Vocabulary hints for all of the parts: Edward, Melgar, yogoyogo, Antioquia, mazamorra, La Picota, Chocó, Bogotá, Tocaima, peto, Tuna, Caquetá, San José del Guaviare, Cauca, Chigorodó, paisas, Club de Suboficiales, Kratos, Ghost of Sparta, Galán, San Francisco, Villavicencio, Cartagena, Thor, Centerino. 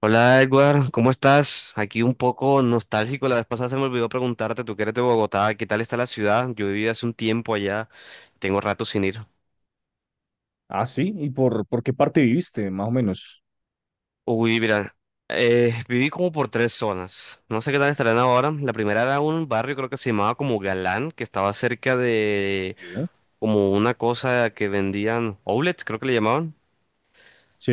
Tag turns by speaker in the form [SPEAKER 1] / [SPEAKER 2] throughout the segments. [SPEAKER 1] Hola Edward, ¿cómo estás? Aquí un poco nostálgico, la vez pasada se me olvidó preguntarte, tú que eres de Bogotá, ¿qué tal está la ciudad? Yo viví hace un tiempo allá, tengo rato sin ir.
[SPEAKER 2] Ah, sí. ¿Y por qué parte viviste, más o menos?
[SPEAKER 1] Uy, mira, viví como por tres zonas, no sé qué tal estarán ahora. La primera era un barrio, creo que se llamaba como Galán, que estaba cerca de
[SPEAKER 2] Sí.
[SPEAKER 1] como una cosa que vendían outlets, creo que le llamaban.
[SPEAKER 2] Sí.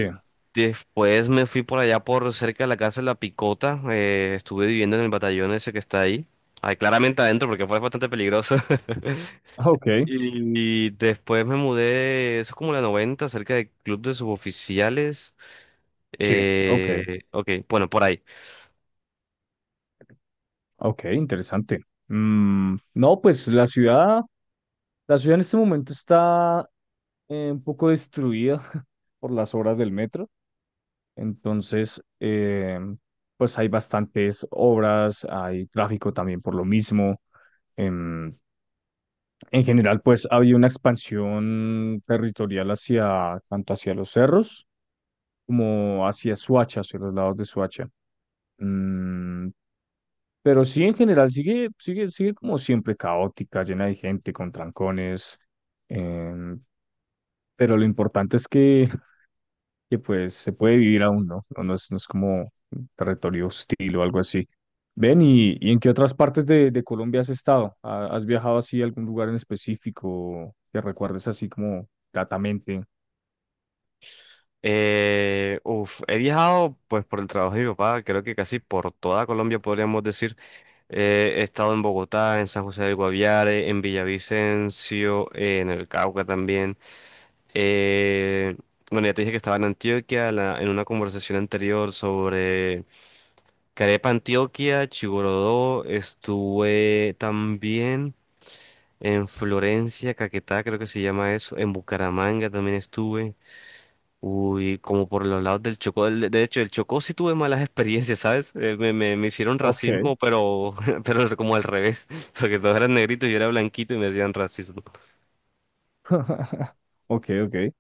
[SPEAKER 1] Después me fui por allá por cerca de la casa de La Picota, estuve viviendo en el batallón ese que está ahí. Ay, claramente adentro porque fue bastante peligroso.
[SPEAKER 2] Ah, ok.
[SPEAKER 1] Y después me mudé, eso es como la 90 cerca del Club de Suboficiales.
[SPEAKER 2] Sí. Ok.
[SPEAKER 1] Ok, bueno, por ahí.
[SPEAKER 2] Ok. Interesante. Mm, no, pues la ciudad en este momento está un poco destruida por las obras del metro. Entonces, pues hay bastantes obras, hay tráfico también por lo mismo. Em, en general, pues había una expansión territorial hacia, tanto hacia los cerros como hacia Suacha, hacia los lados de Suacha. Mm, pero sí, en general, sigue sigue como siempre caótica, llena de gente, con trancones. em, pero lo importante es que, pues se puede vivir aún, ¿no? No, no es como un territorio hostil o algo así. Ven, ¿y en qué otras partes de Colombia has estado? ¿Has viajado así a algún lugar en específico que recuerdes así como gratamente?
[SPEAKER 1] Uf, he viajado pues por el trabajo de mi papá, creo que casi por toda Colombia podríamos decir. He estado en Bogotá, en San José del Guaviare, en Villavicencio, en el Cauca también. Eh, bueno, ya te dije que estaba en en una conversación anterior sobre Carepa Antioquia, Chigorodó, estuve también en Florencia, Caquetá, creo que se llama eso, en Bucaramanga también estuve. Uy, como por los lados del Chocó, de hecho, el Chocó sí tuve malas experiencias, ¿sabes? Me hicieron
[SPEAKER 2] Ok.
[SPEAKER 1] racismo, pero, pero como al revés, porque todos eran negritos y yo era blanquito y me hacían racismo.
[SPEAKER 2] Ok, ok.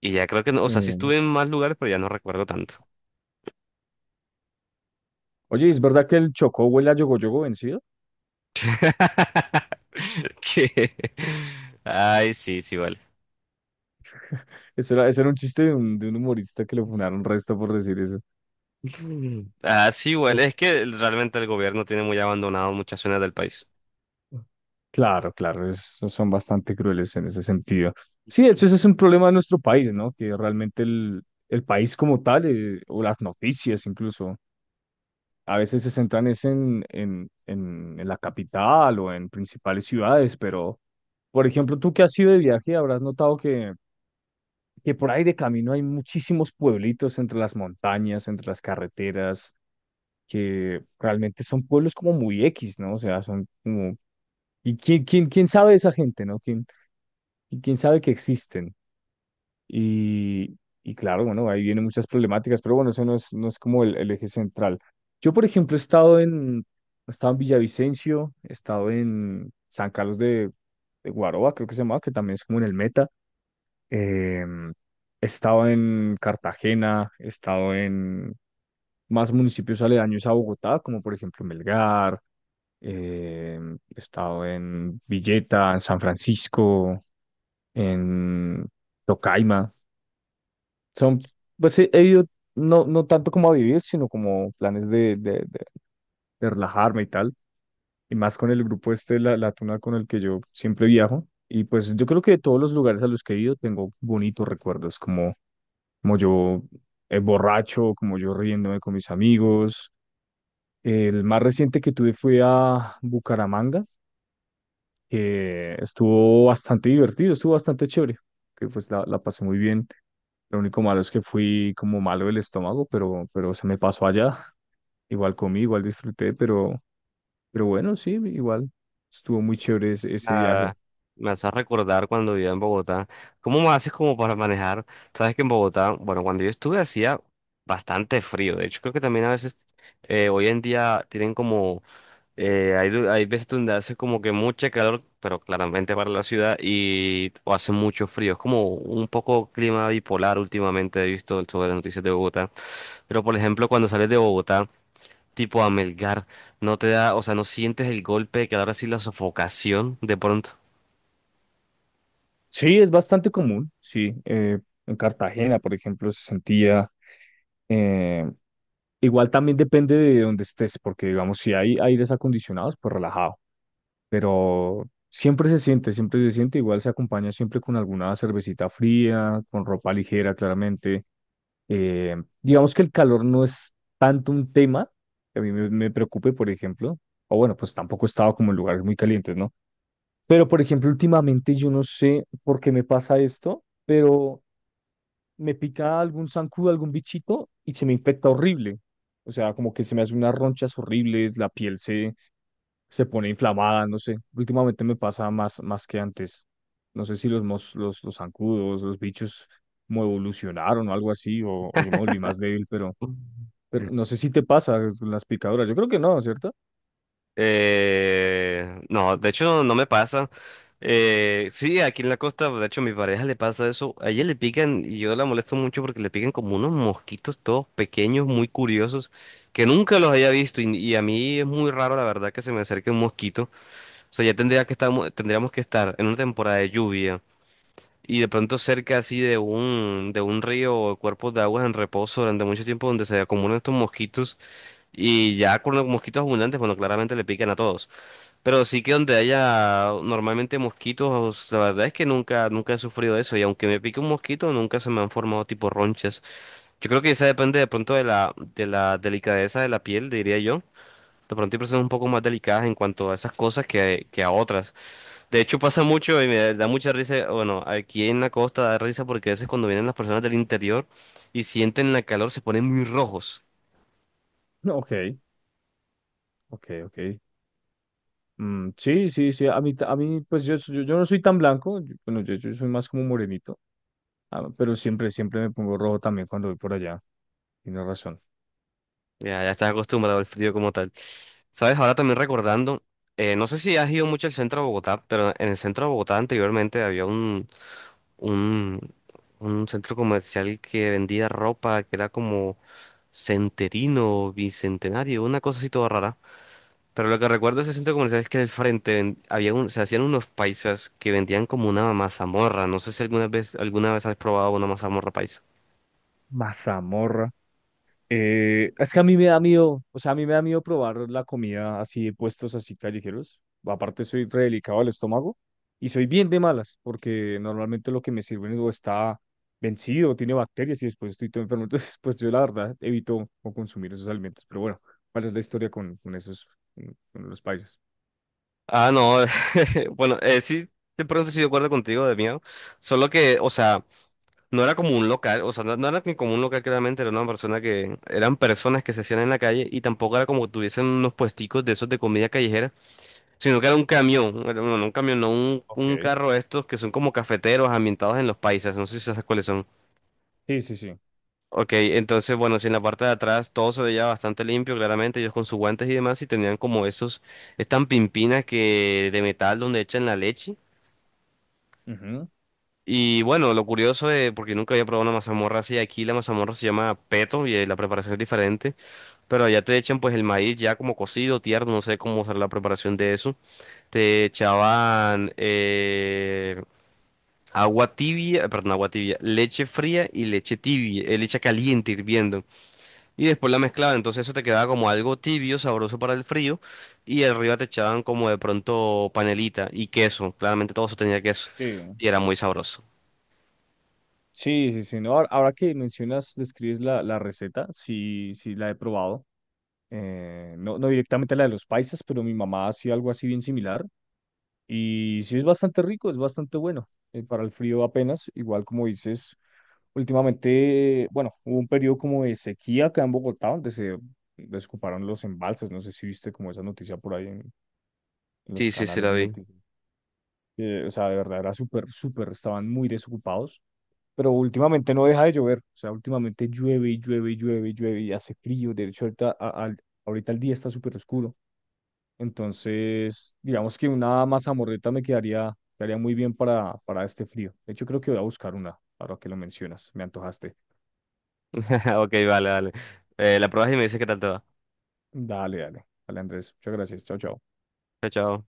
[SPEAKER 1] Y ya creo que no, o sea, sí
[SPEAKER 2] Em,
[SPEAKER 1] estuve en más lugares, pero ya no recuerdo tanto.
[SPEAKER 2] Oye, ¿es verdad que el Chocó huele a yogoyogo vencido?
[SPEAKER 1] ¿Qué? Ay, sí, sí, vale.
[SPEAKER 2] Eso era un chiste de un humorista que lo funaron resto por decir eso.
[SPEAKER 1] Ah, sí, güey,
[SPEAKER 2] O-
[SPEAKER 1] es que realmente el gobierno tiene muy abandonado muchas zonas del país.
[SPEAKER 2] Claro, claro, es- son bastante crueles en ese sentido. Sí, de hecho, ese es un problema de nuestro país, ¿no? Que realmente el país como tal, o las noticias incluso, a veces se centran es en la capital o en principales ciudades, pero, por ejemplo, tú que has ido de viaje, habrás notado que por ahí de camino hay muchísimos pueblitos entre las montañas, entre las carreteras, que realmente son pueblos como muy X, ¿no? O sea, son como... ¿Y quién sabe de esa gente, ¿no? ¿Quién, y quién sabe que existen? Y, y claro, bueno, ahí vienen muchas problemáticas, pero bueno, eso no es, no es como el eje central. Yo, por ejemplo, he estado en Villavicencio, he estado en San Carlos de Guaroa, creo que se llama, que también es como en el Meta. em, He estado en Cartagena, he estado en más municipios aledaños a Bogotá, como por ejemplo Melgar. Eh, He estado en Villeta, en San Francisco, en Tocaima. Son, pues he ido no, no tanto como a vivir, sino como planes de relajarme y tal. Y más con el grupo este, la Tuna, con el que yo siempre viajo. Y pues yo creo que de todos los lugares a los que he ido tengo bonitos recuerdos, como, como yo borracho, como yo riéndome con mis amigos. El más reciente que tuve fue a Bucaramanga, que estuvo bastante divertido, estuvo bastante chévere, que pues la pasé muy bien. Lo único malo es que fui como malo del estómago, pero se me pasó allá. Igual comí, igual disfruté, pero bueno, sí, igual estuvo muy chévere ese viaje.
[SPEAKER 1] Ah, me hace recordar cuando vivía en Bogotá. ¿Cómo me haces como para manejar? Sabes que en Bogotá, bueno, cuando yo estuve hacía bastante frío. De hecho, creo que también a veces hoy en día tienen como, hay veces donde hace como que mucho calor, pero claramente para la ciudad y o hace mucho frío. Es como un poco clima bipolar últimamente he visto sobre las noticias de Bogotá. Pero por ejemplo, cuando sales de Bogotá tipo a Melgar, no te da, o sea, no sientes el golpe de que ahora sí la sofocación de pronto.
[SPEAKER 2] Sí, es bastante común, sí. En Cartagena, por ejemplo, se sentía... eh, igual también depende de dónde estés, porque digamos, si hay aires acondicionados, pues relajado. Pero siempre se siente, igual se acompaña siempre con alguna cervecita fría, con ropa ligera, claramente. Eh, digamos que el calor no es tanto un tema que a mí me preocupe, por ejemplo, o bueno, pues tampoco he estado como en lugares muy calientes, ¿no? Pero, por ejemplo, últimamente yo no sé por qué me pasa esto, pero me pica algún zancudo, algún bichito y se me infecta horrible. O sea, como que se me hacen unas ronchas horribles, se pone inflamada, no sé. Últimamente me pasa más, más que antes. No sé si los zancudos, los bichos como evolucionaron o algo así, o yo me volví más débil, pero no sé si te pasa con las picaduras. Yo creo que no, ¿cierto?
[SPEAKER 1] No, de hecho no, no me pasa. Sí, aquí en la costa, de hecho, a mi pareja le pasa eso. A ella le pican, y yo la molesto mucho porque le pican como unos mosquitos todos pequeños, muy curiosos, que nunca los había visto. Y a mí es muy raro, la verdad, que se me acerque un mosquito. O sea, tendríamos que estar en una temporada de lluvia. Y de pronto cerca así de de un río o cuerpos de aguas en reposo durante mucho tiempo donde se acumulan estos mosquitos y ya con los mosquitos abundantes, bueno, claramente le pican a todos. Pero sí que donde haya normalmente mosquitos, la verdad es que nunca he sufrido eso y aunque me pique un mosquito, nunca se me han formado tipo ronchas. Yo creo que eso depende de pronto de de la delicadeza de la piel, diría yo. De pronto hay personas un poco más delicadas en cuanto a esas cosas que a otras. De hecho pasa mucho y me da mucha risa, bueno, aquí en la costa da risa porque a veces cuando vienen las personas del interior y sienten la calor se ponen muy rojos.
[SPEAKER 2] No, ok, ok, ok. Mm, sí, sí, sí. A mí pues yo no soy tan blanco. Bueno, yo soy más como morenito, ah, pero siempre, siempre me pongo rojo también cuando voy por allá. Tienes razón.
[SPEAKER 1] Ya, ya estás acostumbrado al frío como tal. Sabes, ahora también recordando, no sé si has ido mucho al centro de Bogotá, pero en el centro de Bogotá anteriormente había un, un centro comercial que vendía ropa que era como Centerino, Bicentenario, una cosa así toda rara. Pero lo que recuerdo de ese centro comercial es que al había un, se hacían unos paisas que vendían como una mazamorra. No sé si alguna vez has probado una mazamorra paisa.
[SPEAKER 2] Mazamorra. Es que a mí me da miedo, o sea, a mí me da miedo probar la comida así de puestos así callejeros. Aparte soy re delicado al estómago y soy bien de malas porque normalmente lo que me sirven o está vencido, tiene bacterias y después estoy todo enfermo. Entonces, pues yo la verdad evito o consumir esos alimentos. Pero bueno, ¿cuál es la historia con esos, con los países?
[SPEAKER 1] Ah, no. Bueno, sí, de pronto estoy de acuerdo contigo, de miedo. Solo que, o sea, no era como un local, o sea, no era ni como un local claramente, era eran personas que se hacían en la calle y tampoco era como que tuviesen unos puesticos de esos de comida callejera, sino que era un camión, bueno, no un camión, no un,
[SPEAKER 2] Ok.
[SPEAKER 1] un carro de estos que son como cafeteros ambientados en los paisas, no sé si sabes cuáles son.
[SPEAKER 2] Sí, sí, sí.
[SPEAKER 1] Ok, entonces, bueno, si en la parte de atrás todo se veía bastante limpio, claramente, ellos con sus guantes y demás, y tenían como estas pimpinas que de metal donde echan la leche.
[SPEAKER 2] Ujú.
[SPEAKER 1] Y bueno, lo curioso de, porque nunca había probado una mazamorra así, aquí la mazamorra se llama peto y la preparación es diferente, pero allá te echan pues el maíz ya como cocido, tierno, no sé cómo será la preparación de eso. Te echaban agua tibia, leche fría y leche tibia, leche caliente hirviendo. Y después la mezclaban, entonces eso te quedaba como algo tibio, sabroso para el frío, y arriba te echaban como de pronto panelita y queso, claramente todo eso tenía queso,
[SPEAKER 2] Sí,
[SPEAKER 1] y era muy sabroso.
[SPEAKER 2] sí, sí, sí. No, ahora que mencionas, describes la receta, sí, sí, la he probado. Eh, no, no directamente la de los paisas, pero mi mamá hacía algo así bien similar. Y sí es bastante rico, es bastante bueno. Eh, para el frío apenas, igual como dices, últimamente, bueno, hubo un periodo como de sequía acá en Bogotá, donde se desocuparon los embalses. No sé si viste como esa noticia por ahí en los
[SPEAKER 1] Sí, sí, sí,
[SPEAKER 2] canales
[SPEAKER 1] la
[SPEAKER 2] de
[SPEAKER 1] vi.
[SPEAKER 2] noticias. Eh, o sea, de verdad era súper, súper, estaban muy desocupados. Pero últimamente no deja de llover, o sea, últimamente llueve y llueve y llueve y llueve y hace frío. De hecho, ahorita el día está súper oscuro. Entonces, digamos que una mazamorreta me quedaría, quedaría muy bien para este frío. De hecho, creo que voy a buscar una, ahora que lo mencionas. Me antojaste.
[SPEAKER 1] Ok, vale, vale. La pruebas y me dices qué tal te va.
[SPEAKER 2] Dale, dale. Dale, Andrés. Muchas gracias. Chao, chao.
[SPEAKER 1] Chao, chao.